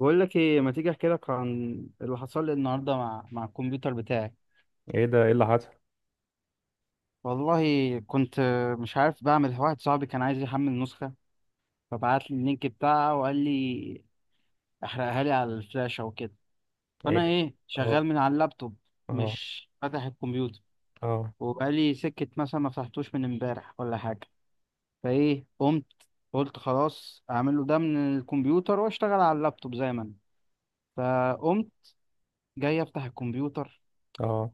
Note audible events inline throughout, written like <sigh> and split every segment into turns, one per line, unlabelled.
بقول لك ايه؟ ما تيجي احكي لك عن اللي حصل لي النهارده مع الكمبيوتر بتاعي.
ايه ده؟ ايه اللي حصل؟
والله كنت مش عارف بعمل، واحد صاحبي كان عايز يحمل نسخه فبعت لي اللينك بتاعها وقال لي احرقها لي على الفلاشه وكده. فانا
ايه.
ايه،
اه،
شغال من على اللابتوب،
اه،
مش فاتح الكمبيوتر،
اه،
وبقالي سكه مثلا ما فتحتوش من امبارح ولا حاجه. فايه، قمت قلت خلاص اعمله ده من الكمبيوتر واشتغل على اللابتوب زي ما انا. فقمت جاي افتح الكمبيوتر،
اه.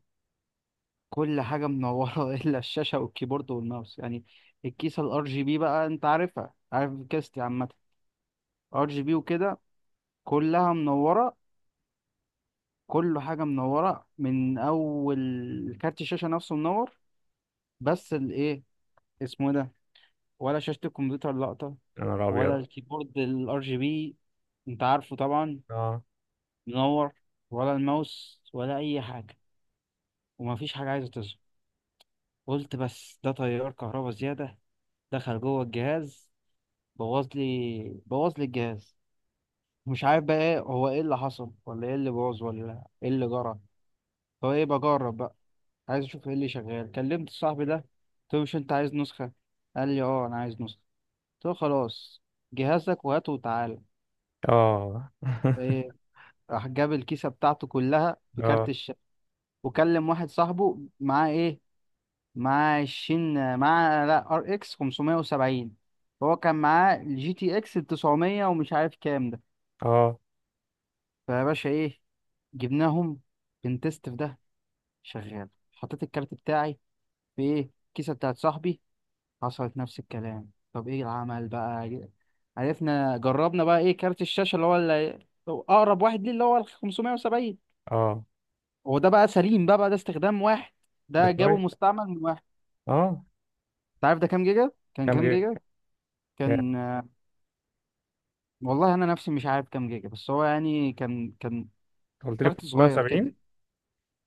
كل حاجة منورة <laughs> إلا الشاشة والكيبورد والماوس يعني. الكيسة الار جي بي بقى، أنت عارفها، عارف كيستي عامة ار جي بي وكده، كلها منورة. كل حاجة منورة، من أول كارت الشاشة نفسه منور، بس الإيه، اسمه إيه ده، ولا شاشة الكمبيوتر لقطة،
يا نهار
ولا
ابيض!
الكيبورد الار جي بي، أنت عارفه طبعا،
اه،
منور، ولا الماوس ولا أي حاجة، ومفيش حاجة عايزة تظهر. قلت بس ده تيار كهربا زيادة دخل جوه الجهاز، بوظ لي بوظ لي الجهاز. مش عارف بقى ايه هو، ايه اللي حصل ولا ايه اللي بوظ ولا ايه اللي جرى. هو ايه، بجرب بقى، عايز اشوف ايه اللي شغال. كلمت صاحبي ده قلت له مش انت عايز نسخة؟ قال لي اه انا عايز نسخة. قلت له خلاص، جهازك وهاته وتعالى.
اه. <laughs>
ايه، راح جاب الكيسة بتاعته كلها في كارت
اه،
الشاشة، وكلم واحد صاحبه معاه ايه، معاه عشرين، معاه لا ار اكس 570. هو كان معاه الجي تي اكس 900 ومش عارف كام ده.
اه،
فيا باشا ايه، جبناهم، بنتست في ده، شغال. حطيت الكارت بتاعي في ايه، الكيسه بتاعت صاحبي، حصلت نفس الكلام. طب ايه العمل بقى؟ عرفنا، جربنا بقى ايه، كارت الشاشه اللي هو اقرب واحد ليه، اللي هو ال 570.
اه.
هو ده بقى سليم، بقى ده استخدام واحد،
ده
ده جابه
كويس.
مستعمل من واحد.
اه.
انت عارف ده كام جيجا؟ كان
كام
كام
جيجا؟
جيجا؟
كام؟
كان آه، والله انا نفسي مش عارف كام جيجا، بس هو يعني كان
قلت لي
كارت صغير كده،
570.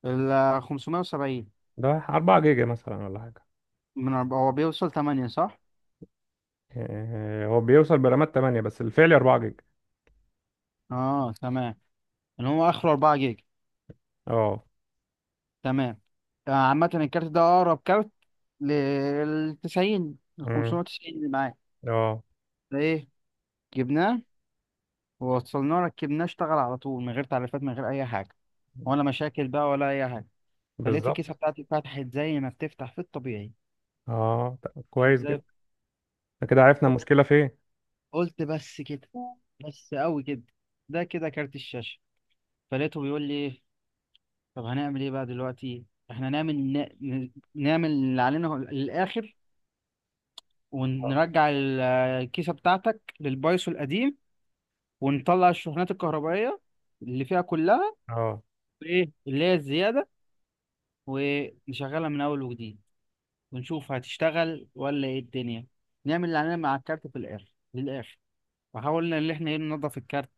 ال 570.
ده 4 جيجا مثلا ولا حاجه؟
هو بيوصل 8 صح.
آه، هو بيوصل برامات 8 بس الفعلي 4 جيجا.
اه تمام، اللي هو اخره 4 جيجا.
اه.
تمام. آه، عامة الكارت ده اقرب كارت لل 90 ل
امم.
590 اللي معاك.
اه.
فايه، جبناه ووصلناه ركبناه، اشتغل على طول من غير تعريفات من غير اي حاجة، ولا مشاكل بقى ولا اي حاجة. فلقيت الكيسة
بالظبط.
بتاعتي اتفتحت زي ما بتفتح في الطبيعي،
اه، طب
فتحت
كويس
زي.
جدا. إحنا كده عرفنا
بص-
المشكله فين.
قلت بس كده، بس قوي كده، ده كده كارت الشاشة. فلقيته بيقول لي إيه، طب هنعمل ايه بقى دلوقتي؟ احنا نعمل نعمل اللي علينا للاخر، ونرجع الكيسة بتاعتك للبايثون القديم، ونطلع الشحنات الكهربائية اللي فيها كلها،
اه،
وايه اللي هي الزيادة، ونشغلها من أول وجديد، ونشوف هتشتغل ولا ايه الدنيا. نعمل اللي علينا مع الكارت في الآخر للآخر. فحاولنا إن احنا ايه، ننضف الكارت،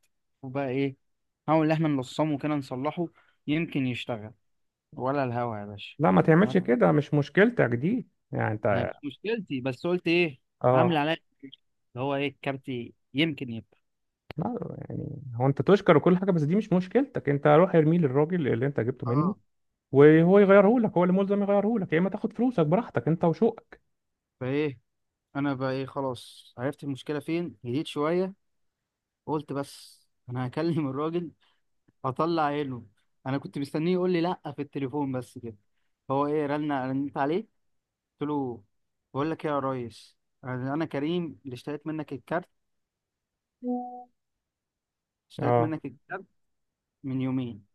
وبقى ايه، نحاول إن احنا نلصمه كده نصلحه، يمكن يشتغل ولا الهوا يا باشا.
لا، ما تعملش
ولا
كده، مش مشكلتك دي يعني
أنا
انت.
مش مشكلتي، بس قلت ايه، عامل
اه.
عليا اللي هو ايه، الكارت يمكن يبقى،
لا، يعني هو انت تشكر وكل حاجه، بس دي مش مشكلتك، انت روح ارميه للراجل اللي انت جبته منه.
اه.
وهو يغيره لك، هو اللي ملزم يغيره لك، يا اما تاخد فلوسك براحتك انت وشوقك.
فايه، انا بقى ايه، خلاص عرفت المشكله فين، هديت شويه. قلت بس انا هكلم الراجل، هطلع عينه. انا كنت مستنيه يقول لي لا في التليفون بس كده. هو ايه، رنيت عليه. قلت له بقول لك ايه يا ريس، انا كريم اللي اشتريت منك الكارت، اشتريت
اه،
منك الكارت من يومين.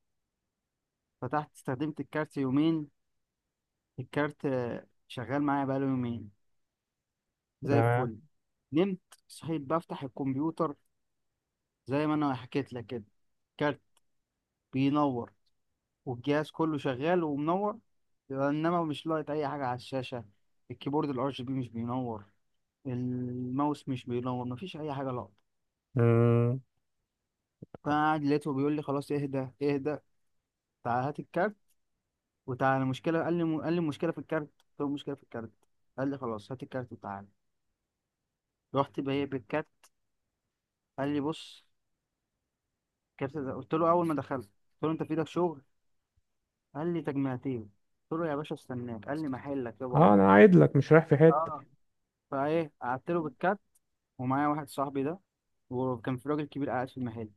فتحت استخدمت الكارت يومين، الكارت آه، شغال معايا بقاله يومين زي
اه،
الفل. نمت، صحيت بفتح الكمبيوتر زي ما انا حكيت لك كده، كارت بينور والجهاز كله شغال ومنور، انما مش لاقط اي حاجه على الشاشه، الكيبورد الار جي بي مش بينور، الماوس مش بينور، مفيش اي حاجه لاقطه.
مم.
فانا قاعد لقيته بيقول لي خلاص اهدى اهدى، تعال هات الكارت وتعالى. المشكله، قال لي المشكله في الكارت، قلت له المشكله في الكارت. قال لي خلاص هات الكارت وتعالى. رحت بجيب الكارت. قال لي بص الكارت ده. قلت له اول ما دخلت قلت له انت في ايدك شغل؟ قال لي تجميعتين. قلت له يا باشا استناك، قال لي محلك يا بابا.
اه، انا عايد لك، مش رايح في حته.
اه، فايه، قعدت له بالكارت، ومعايا واحد صاحبي ده، وكان في راجل كبير قاعد في المحل،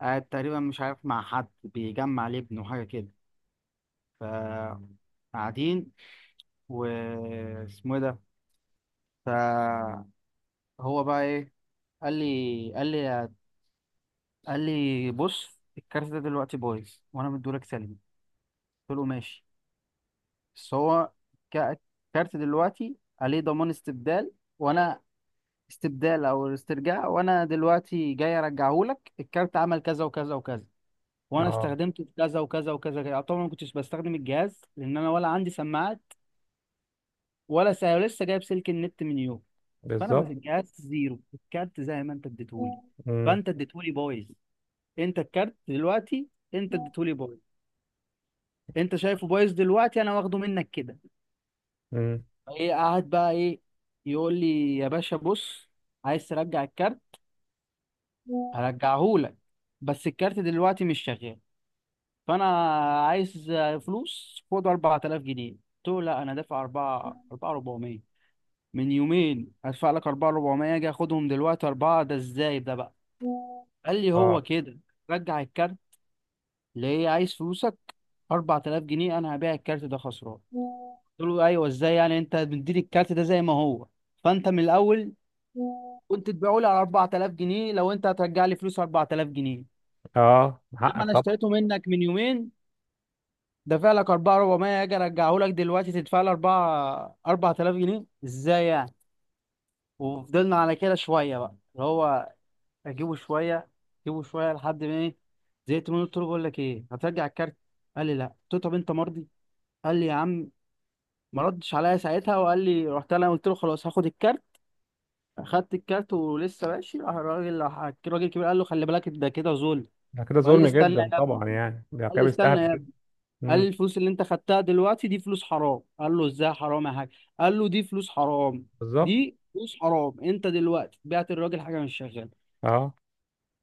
قاعد تقريبا مش عارف مع حد بيجمع لابنه حاجة كده. ف، قاعدين، و، اسمه إيه ده، فهو بقى ايه، قال لي قال لي بص الكارت ده دلوقتي بايظ وانا مديهولك سلبي. قلت له ماشي بس هو ك- الكارت دلوقتي عليه ضمان استبدال، وانا استبدال او استرجاع، وانا دلوقتي جاي ارجعهولك الكارت، عمل كذا وكذا وكذا، وانا
اه،
استخدمته في كذا وكذا وكذا كده، طبعا ما كنتش بستخدم الجهاز لان انا ولا عندي سماعات ولا لسه جايب سلك النت من يوم. فانا ماسك
بالظبط.
الجهاز زيرو، الكارت زي ما انت اديتهولي.
مم.
فانت اديتهولي بايظ، انت الكارت دلوقتي انت اديتهولي بايظ، انت شايفه بايظ دلوقتي، انا واخده منك كده.
مم.
ايه، قاعد بقى ايه، يقول لي يا باشا بص، عايز ترجع الكارت هرجعهولك، بس الكارت دلوقتي مش شغال، فانا عايز فلوس، خد 4000 جنيه. قلت له لا، انا دافع 4 4400، من يومين هدفع لك 4400 اجي اخدهم دلوقتي 4، ده ازاي ده بقى؟ قال لي
اه،
هو كده، رجع الكارت ليه؟ عايز فلوسك؟ 4000 جنيه، انا هبيع الكارت ده خسران. قلت له ايوه ازاي يعني؟ انت بتديني الكارت ده زي ما هو، فانت من الاول كنت تبيعه لي على 4000 جنيه، لو انت هترجع لي فلوس 4000 جنيه
اه،
لما
حقك
انا
طبعا.
اشتريته منك من يومين دافع لك 4400، اجي ارجعه لك دلوقتي تدفع لي 4 4000 جنيه، ازاي يعني؟ وفضلنا على كده شويه، بقى اللي هو اجيبه شويه، اجيبه شويه، لحد ما ايه، زهقت منه. قلت له بقول لك ايه، هترجع الكارت؟ قال لي لا. قلت له طب انت مرضي؟ قال لي يا عم، ما ردش عليا ساعتها، وقال لي، رحت انا قلت له خلاص هاخد الكارت. اخدت الكارت ولسه ماشي، راح الراجل راح الراجل الكبير قال له خلي بالك، ده كده ظلم.
ده كده
وقال لي
ظلم
استنى
جدا
يا ابني،
طبعا، يعني ده
قال
كده
لي
بيستهبل
استنى،
جدا.
قال
مم.
لي الفلوس اللي انت خدتها دلوقتي دي فلوس حرام. قال له ازاي حرام يا حاج؟ قال له دي فلوس حرام،
بالظبط.
دي فلوس حرام، انت دلوقتي بعت الراجل حاجه مش شغاله،
اه،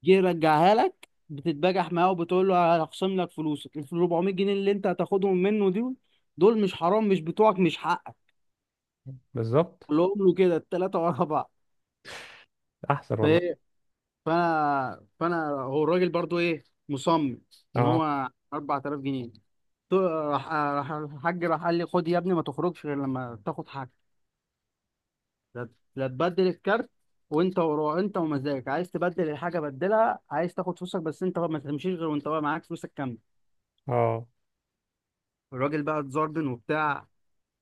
جه يرجعها لك بتتبجح معاه وبتقول له هخصم لك فلوسك، ال 400 جنيه اللي انت هتاخدهم منه دول، دول مش حرام؟ مش بتوعك، مش حقك.
بالظبط.
قال له كده التلاته ورا بعض.
احسن والله.
فايه، فانا هو الراجل برضو ايه، مصمم ان
اه،
هو 4000 جنيه. راح الحاج، راح قال لي خد يا ابني، ما تخرجش غير لما تاخد حاجه. لا، لا تبدل الكارت وانت ورا، انت ومزاجك عايز تبدل الحاجه بدلها، عايز تاخد فلوسك بس انت ما تمشيش غير وانت بقى معاك فلوسك كامله.
اه.
الراجل بقى اتزربن وبتاع،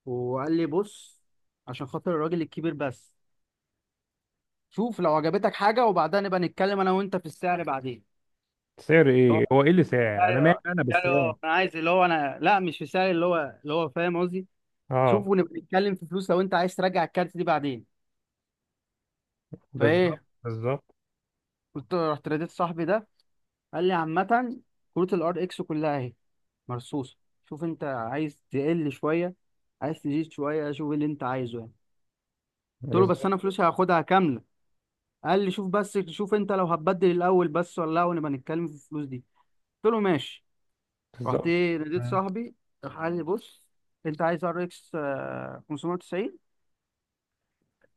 وقال لي بص، عشان خاطر الراجل الكبير بس، شوف لو عجبتك حاجه، وبعدها نبقى نتكلم انا وانت في السعر بعدين.
سعر
اللي هو
ايه؟ هو ايه اللي سعر؟ انا مالي
السعر،
انا
السعر اللي
بالسعر؟
هو انا عايز، اللي هو انا لا، مش في السعر اللي هو، فاهم قصدي،
اه،
شوف، ونبقى نتكلم في فلوس لو انت عايز ترجع الكارت دي بعدين.
بالظبط،
فايه،
بالظبط،
رحت ناديت صاحبي ده، قال لي عامه كروت الار اكس كلها اهي مرصوصة، شوف انت عايز تقل شوية، عايز تزيد شوية، شوف اللي انت عايزه يعني. قلت له بس
بالظبط،
انا فلوسي هاخدها كاملة. قال لي شوف بس، شوف انت لو هتبدل الاول بس ولا لا، ونبقى نتكلم في الفلوس دي. قلت له ماشي. رحت
بالظبط.
ايه، ناديت
مم.
صاحبي، راح قال لي بص، انت عايز ار اكس 590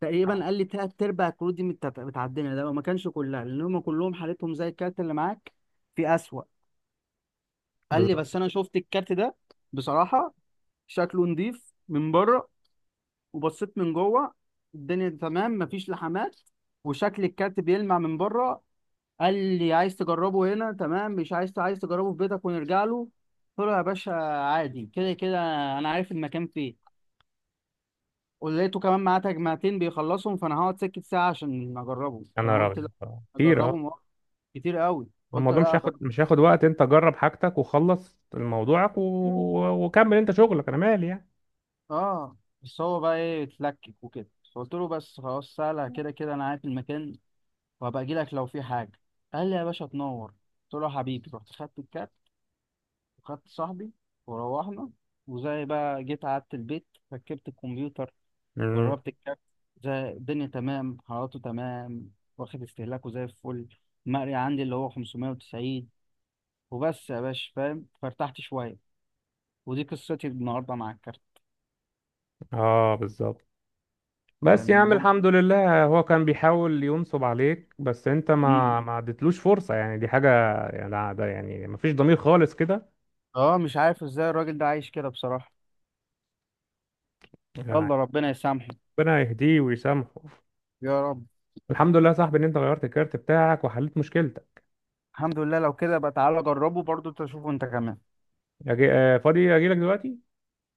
تقريبا، قال لي تلات ارباع الكروت دي متعدمه، ده ما كانش كلها، لان هم كلهم حالتهم زي الكارت اللي معاك في اسوأ. قال لي
بالظبط.
بس انا شفت الكارت ده بصراحة، شكله نضيف من بره، وبصيت من جوه الدنيا تمام، مفيش لحمات، وشكل الكارت بيلمع من بره. قال لي عايز تجربه هنا تمام، مش عايز، عايز تجربه في بيتك ونرجع له؟ قلت له يا باشا عادي كده كده، انا عارف المكان فين. ولقيته كمان معاه تجمعتين بيخلصهم، فانا هقعد سكت ساعه عشان اجربه،
يا
فانا
نهار
قلت
أبيض،
لا
آه، كتير،
اجربه
أه.
مرة. كتير قوي، قلت
الموضوع مش
لا
هياخد
اجرب.
مش هياخد وقت، أنت جرب حاجتك وخلص موضوعك وكمل أنت شغلك، أنا مالي يعني.
اه، بس هو بقى ايه اتلكك وكده. فقلت له بس خلاص، سهله كده كده، انا عارف المكان وهبقى اجي لك لو في حاجه. قال لي يا باشا تنور. قلت له حبيبي، رحت خدت الكات وخدت صاحبي وروحنا، وزي بقى جيت قعدت البيت، ركبت الكمبيوتر،
مم.
جربت الكات، زي الدنيا تمام، حرارته تمام، واخد استهلاكه زي الفل، المقري عندي اللي هو 590، وبس يا باشا فاهم، فارتحت شويه، ودي قصتي النهارده مع الكارت،
أه، بالظبط. بس يا
كان
عم
يوم.
الحمد لله، هو كان بيحاول ينصب عليك، بس أنت
مم.
ما اديتلوش فرصة يعني، دي حاجة. يعني ده يعني مفيش ضمير خالص كده.
اه، مش عارف ازاي الراجل ده عايش كده بصراحه.
يعني،
يلا ربنا يسامحه،
ربنا يهديه ويسامحه.
يا رب.
الحمد لله يا صاحبي إن أنت غيرت الكارت بتاعك وحليت مشكلتك.
الحمد لله، لو كده بقى تعالى جربه برضو، تشوفه انت كمان.
آه، فاضي، أجيلك دلوقتي.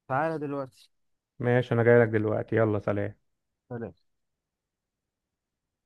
تعالى دلوقتي،
ماشي، انا جاي لك دلوقتي، يلا سلام.
سلام.